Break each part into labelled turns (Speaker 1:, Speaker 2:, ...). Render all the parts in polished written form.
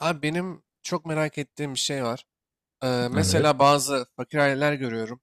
Speaker 1: Abi benim çok merak ettiğim bir şey var.
Speaker 2: Evet.
Speaker 1: Mesela bazı fakir aileler görüyorum.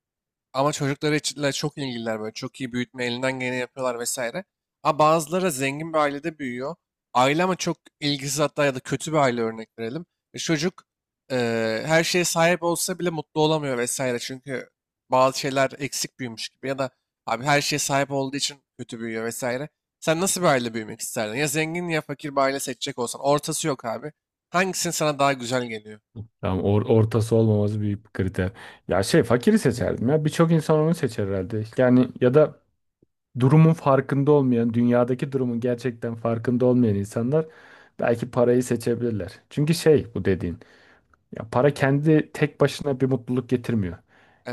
Speaker 1: Ama çocukları içinle çok ilgililer böyle. Çok iyi büyütme elinden geleni yapıyorlar vesaire. Ama bazıları zengin bir ailede büyüyor. Aile ama çok ilgisiz, hatta ya da kötü bir aile örnek verelim. E, çocuk e, her şeye sahip olsa bile mutlu olamıyor vesaire. Çünkü bazı şeyler eksik büyümüş gibi ya da abi her şeye sahip olduğu için kötü büyüyor vesaire. Sen nasıl bir aile büyümek isterdin? Ya zengin ya fakir bir aile seçecek olsan. Ortası yok abi. Hangisinin sana daha güzel geliyor?
Speaker 2: Tamam ortası olmaması büyük bir kriter. Ya fakiri seçerdim ya. Birçok insan onu seçer herhalde. Yani ya da durumun farkında olmayan, dünyadaki durumun gerçekten farkında olmayan insanlar belki parayı seçebilirler. Çünkü bu dediğin. Ya para kendi tek başına bir mutluluk getirmiyor.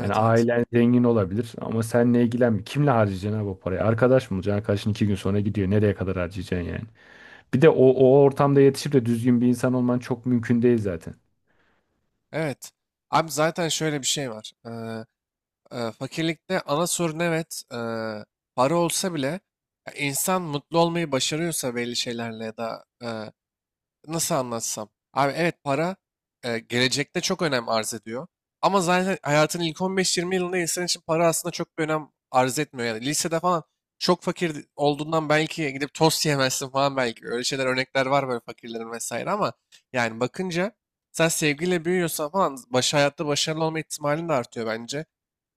Speaker 2: Yani
Speaker 1: evet.
Speaker 2: ailen zengin olabilir ama sen ne ilgilenmiyor. Kimle harcayacaksın ha bu parayı? Arkadaş mı olacaksın? Arkadaşın iki gün sonra gidiyor. Nereye kadar harcayacaksın yani? Bir de o ortamda yetişip de düzgün bir insan olman çok mümkün değil zaten.
Speaker 1: Evet. Abi zaten şöyle bir şey var. Fakirlikte ana sorun evet, para olsa bile ya insan mutlu olmayı başarıyorsa belli şeylerle ya da nasıl anlatsam? Abi evet, para gelecekte çok önem arz ediyor. Ama zaten hayatın ilk 15-20 yılında insan için para aslında çok bir önem arz etmiyor. Yani lisede falan çok fakir olduğundan belki gidip tost yemezsin falan belki. Öyle şeyler, örnekler var böyle fakirlerin vesaire, ama yani bakınca sen sevgiyle büyüyorsan falan baş, hayatta başarılı olma ihtimalin de artıyor bence.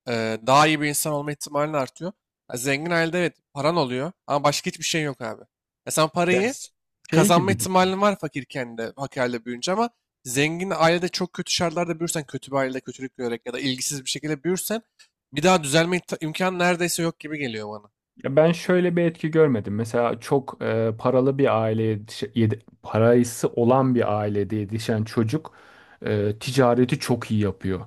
Speaker 1: Daha iyi bir insan olma ihtimalin artıyor. Ha, zengin ailede evet paran oluyor ama başka hiçbir şey yok abi. Ya sen
Speaker 2: Ya
Speaker 1: parayı
Speaker 2: şey
Speaker 1: kazanma
Speaker 2: gibi düşün.
Speaker 1: ihtimalin var fakirken de, fakirle büyüyünce, ama zengin ailede çok kötü şartlarda büyürsen, kötü bir ailede kötülük görerek ya da ilgisiz bir şekilde büyürsen bir daha düzelme imkanı neredeyse yok gibi geliyor bana.
Speaker 2: Ya ben şöyle bir etki görmedim. Mesela çok paralı bir aileye parası olan bir ailede yetişen çocuk ticareti çok iyi yapıyor.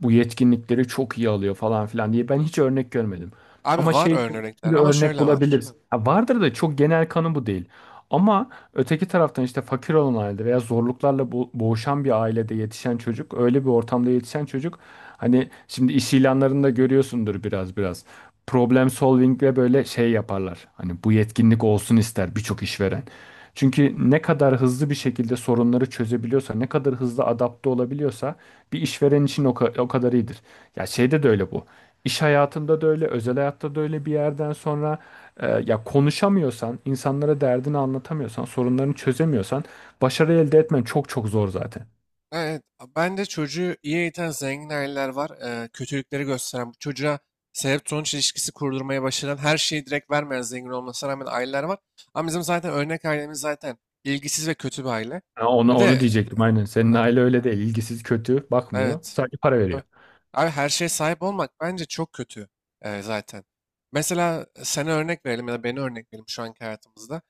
Speaker 2: Bu yetkinlikleri çok iyi alıyor falan filan diye ben hiç örnek görmedim.
Speaker 1: Abi
Speaker 2: Ama
Speaker 1: var
Speaker 2: şey için bir
Speaker 1: örnekler ama
Speaker 2: örnek
Speaker 1: şöyle var.
Speaker 2: bulabiliriz. Ha, vardır da çok genel kanı bu değil. Ama öteki taraftan işte fakir olan ailede veya zorluklarla boğuşan bir ailede yetişen çocuk, öyle bir ortamda yetişen çocuk, hani şimdi iş ilanlarında görüyorsundur biraz biraz. Problem solving ve böyle şey yaparlar. Hani bu yetkinlik olsun ister birçok işveren. Çünkü ne kadar hızlı bir şekilde sorunları çözebiliyorsa, ne kadar hızlı adapte olabiliyorsa bir işveren için o kadar iyidir. Ya şeyde de öyle bu. İş hayatında da öyle, özel hayatta da öyle bir yerden sonra ya konuşamıyorsan, insanlara derdini anlatamıyorsan, sorunlarını çözemiyorsan başarı elde etmen çok çok zor zaten.
Speaker 1: Evet, ben de çocuğu iyi eğiten zengin aileler var. Kötülükleri gösteren, bu çocuğa sebep sonuç ilişkisi kurdurmaya başlayan, her şeyi direkt vermeyen, zengin olmasına rağmen aileler var. Ama bizim zaten örnek ailemiz zaten ilgisiz ve kötü bir aile.
Speaker 2: Ha, onu
Speaker 1: Bir
Speaker 2: onu
Speaker 1: de e,
Speaker 2: diyecektim aynen. Senin
Speaker 1: ay-
Speaker 2: aile öyle değil. İlgisiz, kötü, bakmıyor.
Speaker 1: Evet.
Speaker 2: Sadece para
Speaker 1: Tabii.
Speaker 2: veriyor.
Speaker 1: Abi her şeye sahip olmak bence çok kötü, zaten. Mesela sana örnek verelim ya da beni örnek verelim şu anki hayatımızda.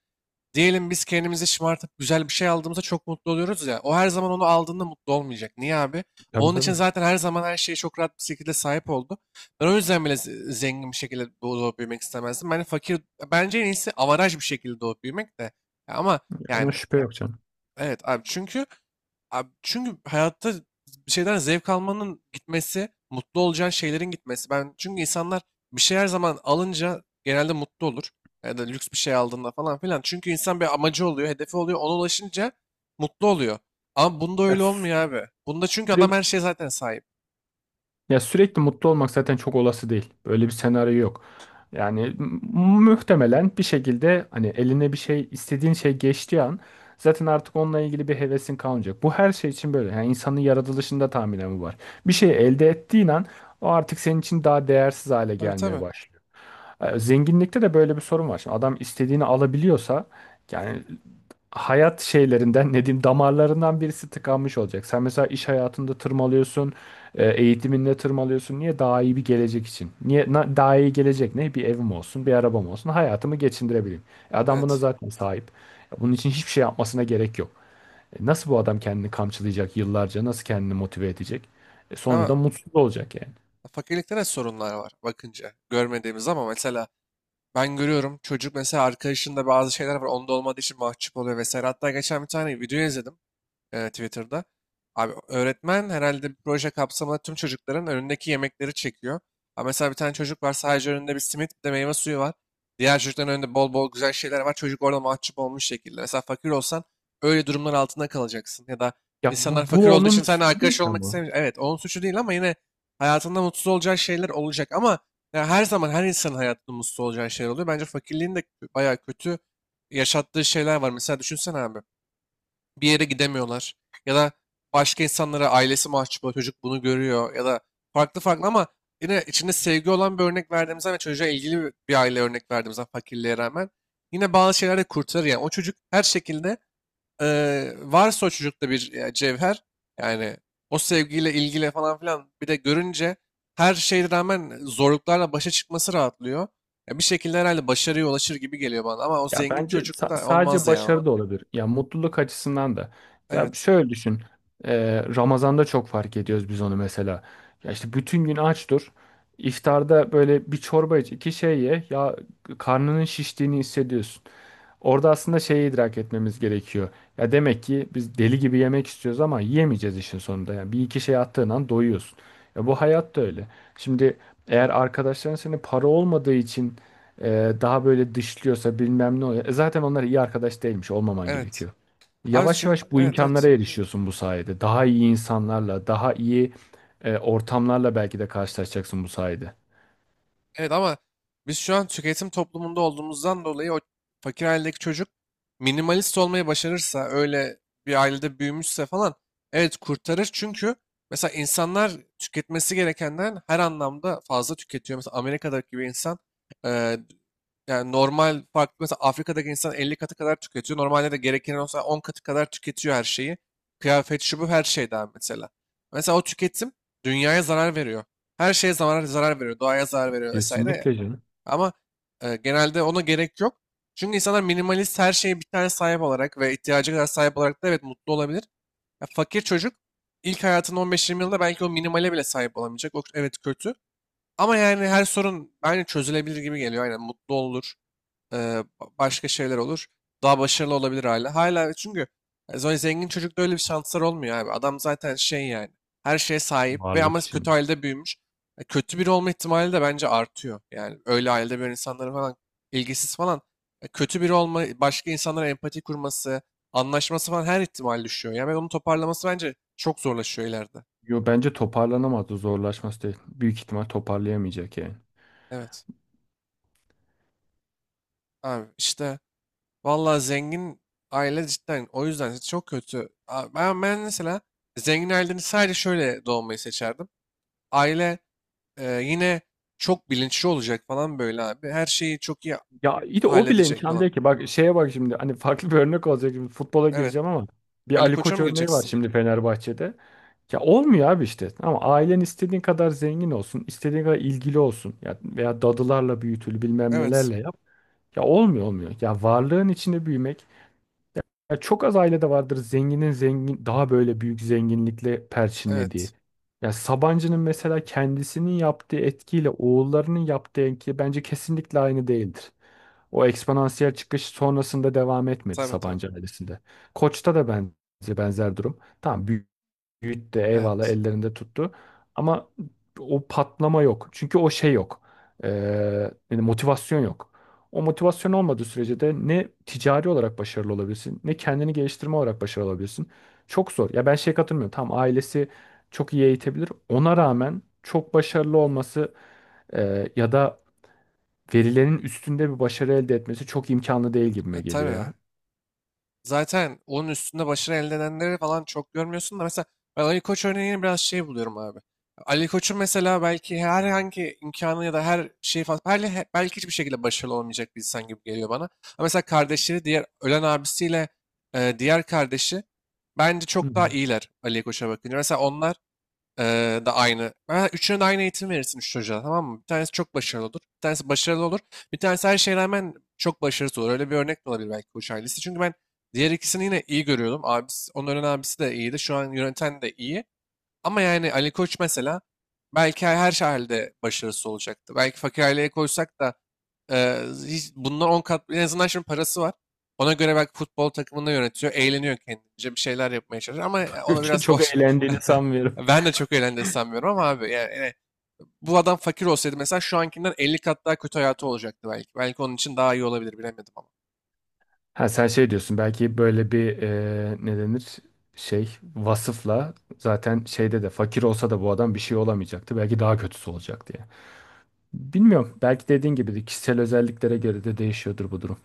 Speaker 1: Diyelim biz kendimizi şımartıp güzel bir şey aldığımızda çok mutlu oluyoruz ya. O her zaman onu aldığında mutlu olmayacak. Niye abi?
Speaker 2: Tabii
Speaker 1: Onun için
Speaker 2: tabii.
Speaker 1: zaten her zaman her şeye çok rahat bir şekilde sahip oldu. Ben o yüzden bile zengin bir şekilde doğup büyümek istemezdim. Ben fakir, bence en iyisi avaraj bir şekilde doğup büyümek de. Ya ama
Speaker 2: Ona
Speaker 1: yani
Speaker 2: şüphe yok canım.
Speaker 1: evet abi, çünkü abi çünkü hayatta bir şeyden zevk almanın gitmesi, mutlu olacağın şeylerin gitmesi. Ben çünkü insanlar bir şey her zaman alınca genelde mutlu olur. Ya da lüks bir şey aldığında falan filan. Çünkü insan bir amacı oluyor, hedefi oluyor. Ona ulaşınca mutlu oluyor. Ama bunda
Speaker 2: Ya,
Speaker 1: öyle
Speaker 2: sü-
Speaker 1: olmuyor abi. Bunda çünkü adam
Speaker 2: sürekli
Speaker 1: her şeye zaten sahip.
Speaker 2: Sürekli mutlu olmak zaten çok olası değil. Böyle bir senaryo yok. Yani muhtemelen bir şekilde hani eline bir şey istediğin şey geçtiği an zaten artık onunla ilgili bir hevesin kalmayacak. Bu her şey için böyle. Yani insanın yaratılışında tahminen bu var. Bir şey elde ettiğin an o artık senin için daha değersiz hale
Speaker 1: Tabii,
Speaker 2: gelmeye
Speaker 1: tabii.
Speaker 2: başlıyor. Zenginlikte de böyle bir sorun var. Şimdi adam istediğini alabiliyorsa yani hayat şeylerinden ne diyeyim damarlarından birisi tıkanmış olacak. Sen mesela iş hayatında tırmalıyorsun, eğitiminde tırmalıyorsun. Niye? Daha iyi bir gelecek için. Niye? Daha iyi gelecek ne? Bir evim olsun, bir arabam olsun, hayatımı geçindirebileyim. Adam buna
Speaker 1: Evet.
Speaker 2: zaten sahip. Bunun için hiçbir şey yapmasına gerek yok. Nasıl bu adam kendini kamçılayacak yıllarca? Nasıl kendini motive edecek? Sonuçta
Speaker 1: Ama
Speaker 2: mutsuz olacak yani.
Speaker 1: fakirlikte de sorunlar var bakınca. Görmediğimiz, ama mesela ben görüyorum, çocuk mesela arkadaşında bazı şeyler var onda olmadığı için mahcup oluyor vesaire. Hatta geçen bir tane video izledim, Twitter'da. Abi öğretmen herhalde bir proje kapsamında tüm çocukların önündeki yemekleri çekiyor. Ama mesela bir tane çocuk var, sadece önünde bir simit bir de meyve suyu var. Diğer çocukların önünde bol bol güzel şeyler var. Çocuk orada mahcup olmuş şekilde. Mesela fakir olsan öyle durumlar altında kalacaksın. Ya da
Speaker 2: Ya
Speaker 1: insanlar fakir
Speaker 2: bu
Speaker 1: olduğu için
Speaker 2: onun
Speaker 1: seninle
Speaker 2: suçu değil
Speaker 1: arkadaş
Speaker 2: ki
Speaker 1: olmak
Speaker 2: ama.
Speaker 1: istemiyor. Evet onun suçu değil ama yine hayatında mutsuz olacağı şeyler olacak. Ama ya her zaman her insanın hayatında mutsuz olacağı şeyler oluyor. Bence fakirliğin de bayağı kötü yaşattığı şeyler var. Mesela düşünsene abi, bir yere gidemiyorlar. Ya da başka insanlara ailesi mahcup oluyor, çocuk bunu görüyor ya da farklı farklı, ama yine içinde sevgi olan bir örnek verdiğimizden ve çocuğa ilgili bir aile örnek verdiğimizden fakirliğe rağmen yine bazı şeyler de kurtarır yani. O çocuk her şekilde varsa o çocukta bir cevher yani, o sevgiyle ilgili falan filan bir de görünce her şeye rağmen zorluklarla başa çıkması rahatlıyor. Ya bir şekilde herhalde başarıya ulaşır gibi geliyor bana, ama o
Speaker 2: Ya
Speaker 1: zengin
Speaker 2: bence
Speaker 1: çocuk da
Speaker 2: sadece
Speaker 1: olmaz ya.
Speaker 2: başarı da olabilir. Ya mutluluk açısından da. Ya
Speaker 1: Evet.
Speaker 2: şöyle düşün. Ramazan'da çok fark ediyoruz biz onu mesela. Ya işte bütün gün aç dur. İftarda böyle bir çorba iç, iki şey ye. Ya karnının şiştiğini hissediyorsun. Orada aslında şeyi idrak etmemiz gerekiyor. Ya demek ki biz deli gibi yemek istiyoruz ama yiyemeyeceğiz işin sonunda. Yani bir iki şey attığın an doyuyorsun. Ya bu hayat da öyle. Şimdi eğer arkadaşların seni para olmadığı için daha böyle dışlıyorsa bilmem ne oluyor. Zaten onlar iyi arkadaş değilmiş, olmaman
Speaker 1: Evet.
Speaker 2: gerekiyor.
Speaker 1: Abi
Speaker 2: Yavaş
Speaker 1: çünkü
Speaker 2: yavaş bu
Speaker 1: evet, evet.
Speaker 2: imkanlara erişiyorsun bu sayede. Daha iyi insanlarla, daha iyi ortamlarla belki de karşılaşacaksın bu sayede.
Speaker 1: Evet, ama biz şu an tüketim toplumunda olduğumuzdan dolayı o fakir ailedeki çocuk minimalist olmayı başarırsa, öyle bir ailede büyümüşse falan, evet kurtarır, çünkü mesela insanlar tüketmesi gerekenden her anlamda fazla tüketiyor. Mesela Amerika'daki bir insan, yani normal farklı, mesela Afrika'daki insan 50 katı kadar tüketiyor. Normalde de gerekirse olsa 10 katı kadar tüketiyor her şeyi. Kıyafet, şu bu, her şey daha mesela. Mesela o tüketim dünyaya zarar veriyor. Her şeye zarar, zarar veriyor. Doğaya zarar veriyor vesaire ya.
Speaker 2: Kesinlikle canım.
Speaker 1: Ama genelde ona gerek yok. Çünkü insanlar minimalist, her şeye bir tane sahip olarak ve ihtiyacı kadar sahip olarak da evet mutlu olabilir. Ya fakir çocuk ilk hayatının 15-20 yılında belki o minimale bile sahip olamayacak. O, evet kötü. Ama yani her sorun aynı çözülebilir gibi geliyor. Aynen mutlu olur, ee, başka şeyler olur. Daha başarılı olabilir hala. Hala çünkü zengin çocukta öyle bir şanslar olmuyor abi. Adam zaten şey yani. Her şeye sahip ve
Speaker 2: Varlık
Speaker 1: ama
Speaker 2: için.
Speaker 1: kötü ailede büyümüş. Kötü biri olma ihtimali de bence artıyor. Yani öyle ailede böyle insanların falan ilgisiz falan. Kötü biri olma, başka insanlara empati kurması, anlaşması falan her ihtimal düşüyor. Yani ben onu toparlaması bence çok zorlaşıyor ileride.
Speaker 2: Yo, bence toparlanamazdı, zorlaşması değil. Büyük ihtimal toparlayamayacak yani.
Speaker 1: Evet. Abi işte vallahi zengin aile cidden o yüzden çok kötü. Ben, ben mesela zengin ailenin sadece şöyle doğmayı seçerdim. Aile yine çok bilinçli olacak falan, böyle abi. Her şeyi çok iyi
Speaker 2: Ya iyi de o bile
Speaker 1: halledecek
Speaker 2: imkan
Speaker 1: falan.
Speaker 2: değil ki. Bak şeye bak şimdi, hani farklı bir örnek olacak. Şimdi futbola
Speaker 1: Evet.
Speaker 2: gireceğim ama bir
Speaker 1: Ali
Speaker 2: Ali
Speaker 1: Koç'a
Speaker 2: Koç
Speaker 1: mı
Speaker 2: örneği var
Speaker 1: gireceksin?
Speaker 2: şimdi Fenerbahçe'de. Ya olmuyor abi işte. Ama ailen istediğin kadar zengin olsun, istediğin kadar ilgili olsun. Ya veya dadılarla büyütül, bilmem
Speaker 1: Evet.
Speaker 2: nelerle yap. Ya olmuyor olmuyor. Ya varlığın içinde büyümek. Ya çok az ailede vardır zenginin zengin daha böyle büyük zenginlikle perçinlediği.
Speaker 1: Evet.
Speaker 2: Ya Sabancı'nın mesela kendisinin yaptığı etkiyle oğullarının yaptığı etki bence kesinlikle aynı değildir. O eksponansiyel çıkış sonrasında devam etmedi
Speaker 1: Tabii, tabii.
Speaker 2: Sabancı ailesinde. Koç'ta da ben benzer durum. Tamam, Yiğit de eyvallah
Speaker 1: Evet.
Speaker 2: ellerinde tuttu. Ama o patlama yok. Çünkü o şey yok. Ee, Yani motivasyon yok. O motivasyon olmadığı sürece de ne ticari olarak başarılı olabilirsin, ne kendini geliştirme olarak başarılı olabilirsin. Çok zor. Ya ben şey katılmıyorum. Tam ailesi çok iyi eğitebilir. Ona rağmen çok başarılı olması ya da verilenin üstünde bir başarı elde etmesi çok imkanlı değil gibime
Speaker 1: E,
Speaker 2: geliyor
Speaker 1: tabii.
Speaker 2: ya.
Speaker 1: Zaten onun üstünde başarı elde edenleri falan çok görmüyorsun da, mesela ben Ali Koç örneğini biraz şey buluyorum abi. Ali Koç'un mesela belki herhangi imkanı ya da her şeyi falan belki, belki hiçbir şekilde başarılı olamayacak bir insan gibi geliyor bana. Ama mesela kardeşleri, diğer ölen abisiyle diğer kardeşi, bence
Speaker 2: Hı hı.
Speaker 1: çok daha iyiler Ali Koç'a bakınca. Mesela onlar da aynı. Ha, üçüne de aynı eğitim verirsin üç çocuğa, tamam mı? Bir tanesi çok başarılı olur. Bir tanesi başarılı olur. Bir tanesi her şeye rağmen çok başarısız olur. Öyle bir örnek de olabilir belki bu ailesi. Çünkü ben diğer ikisini yine iyi görüyordum. Abisi, onların abisi de iyiydi. Şu an yöneten de iyi. Ama yani Ali Koç mesela belki her her halde başarısı olacaktı. Belki fakir aileye koysak da e, hiç, bundan 10 kat en azından şimdi parası var. Ona göre belki futbol takımını yönetiyor, eğleniyor, kendince bir şeyler yapmaya çalışıyor, ama ona biraz
Speaker 2: Çok
Speaker 1: boş.
Speaker 2: eğlendiğini sanmıyorum.
Speaker 1: Ben de çok eğlendiğini sanmıyorum ama abi, yani, yani bu adam fakir olsaydı mesela şu ankinden 50 kat daha kötü hayatı olacaktı belki. Belki onun için daha iyi olabilir, bilemedim ama.
Speaker 2: Ha sen şey diyorsun, belki böyle bir ne denir şey vasıfla zaten şeyde de fakir olsa da bu adam bir şey olamayacaktı. Belki daha kötüsü olacak diye. Bilmiyorum. Belki dediğin gibi de kişisel özelliklere göre de değişiyordur bu durum.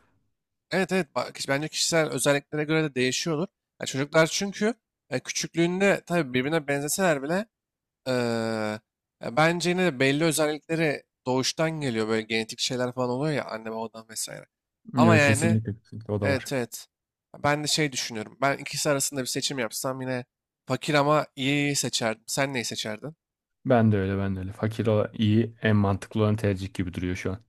Speaker 1: Evet, evet bak, bence kişisel özelliklere göre de değişiyordur. Ya çocuklar çünkü küçüklüğünde tabii birbirine benzeseler bile, e, ya bence yine de belli özellikleri doğuştan geliyor. Böyle genetik şeyler falan oluyor ya, anne babadan vesaire. Ama
Speaker 2: Yok,
Speaker 1: yani
Speaker 2: kesinlikle, kesinlikle o da var.
Speaker 1: evet, evet ben de şey düşünüyorum. Ben ikisi arasında bir seçim yapsam yine fakir ama iyi seçerdim. Sen neyi seçerdin?
Speaker 2: Ben de öyle, ben de öyle. Fakir olan iyi en mantıklı olan tercih gibi duruyor şu an.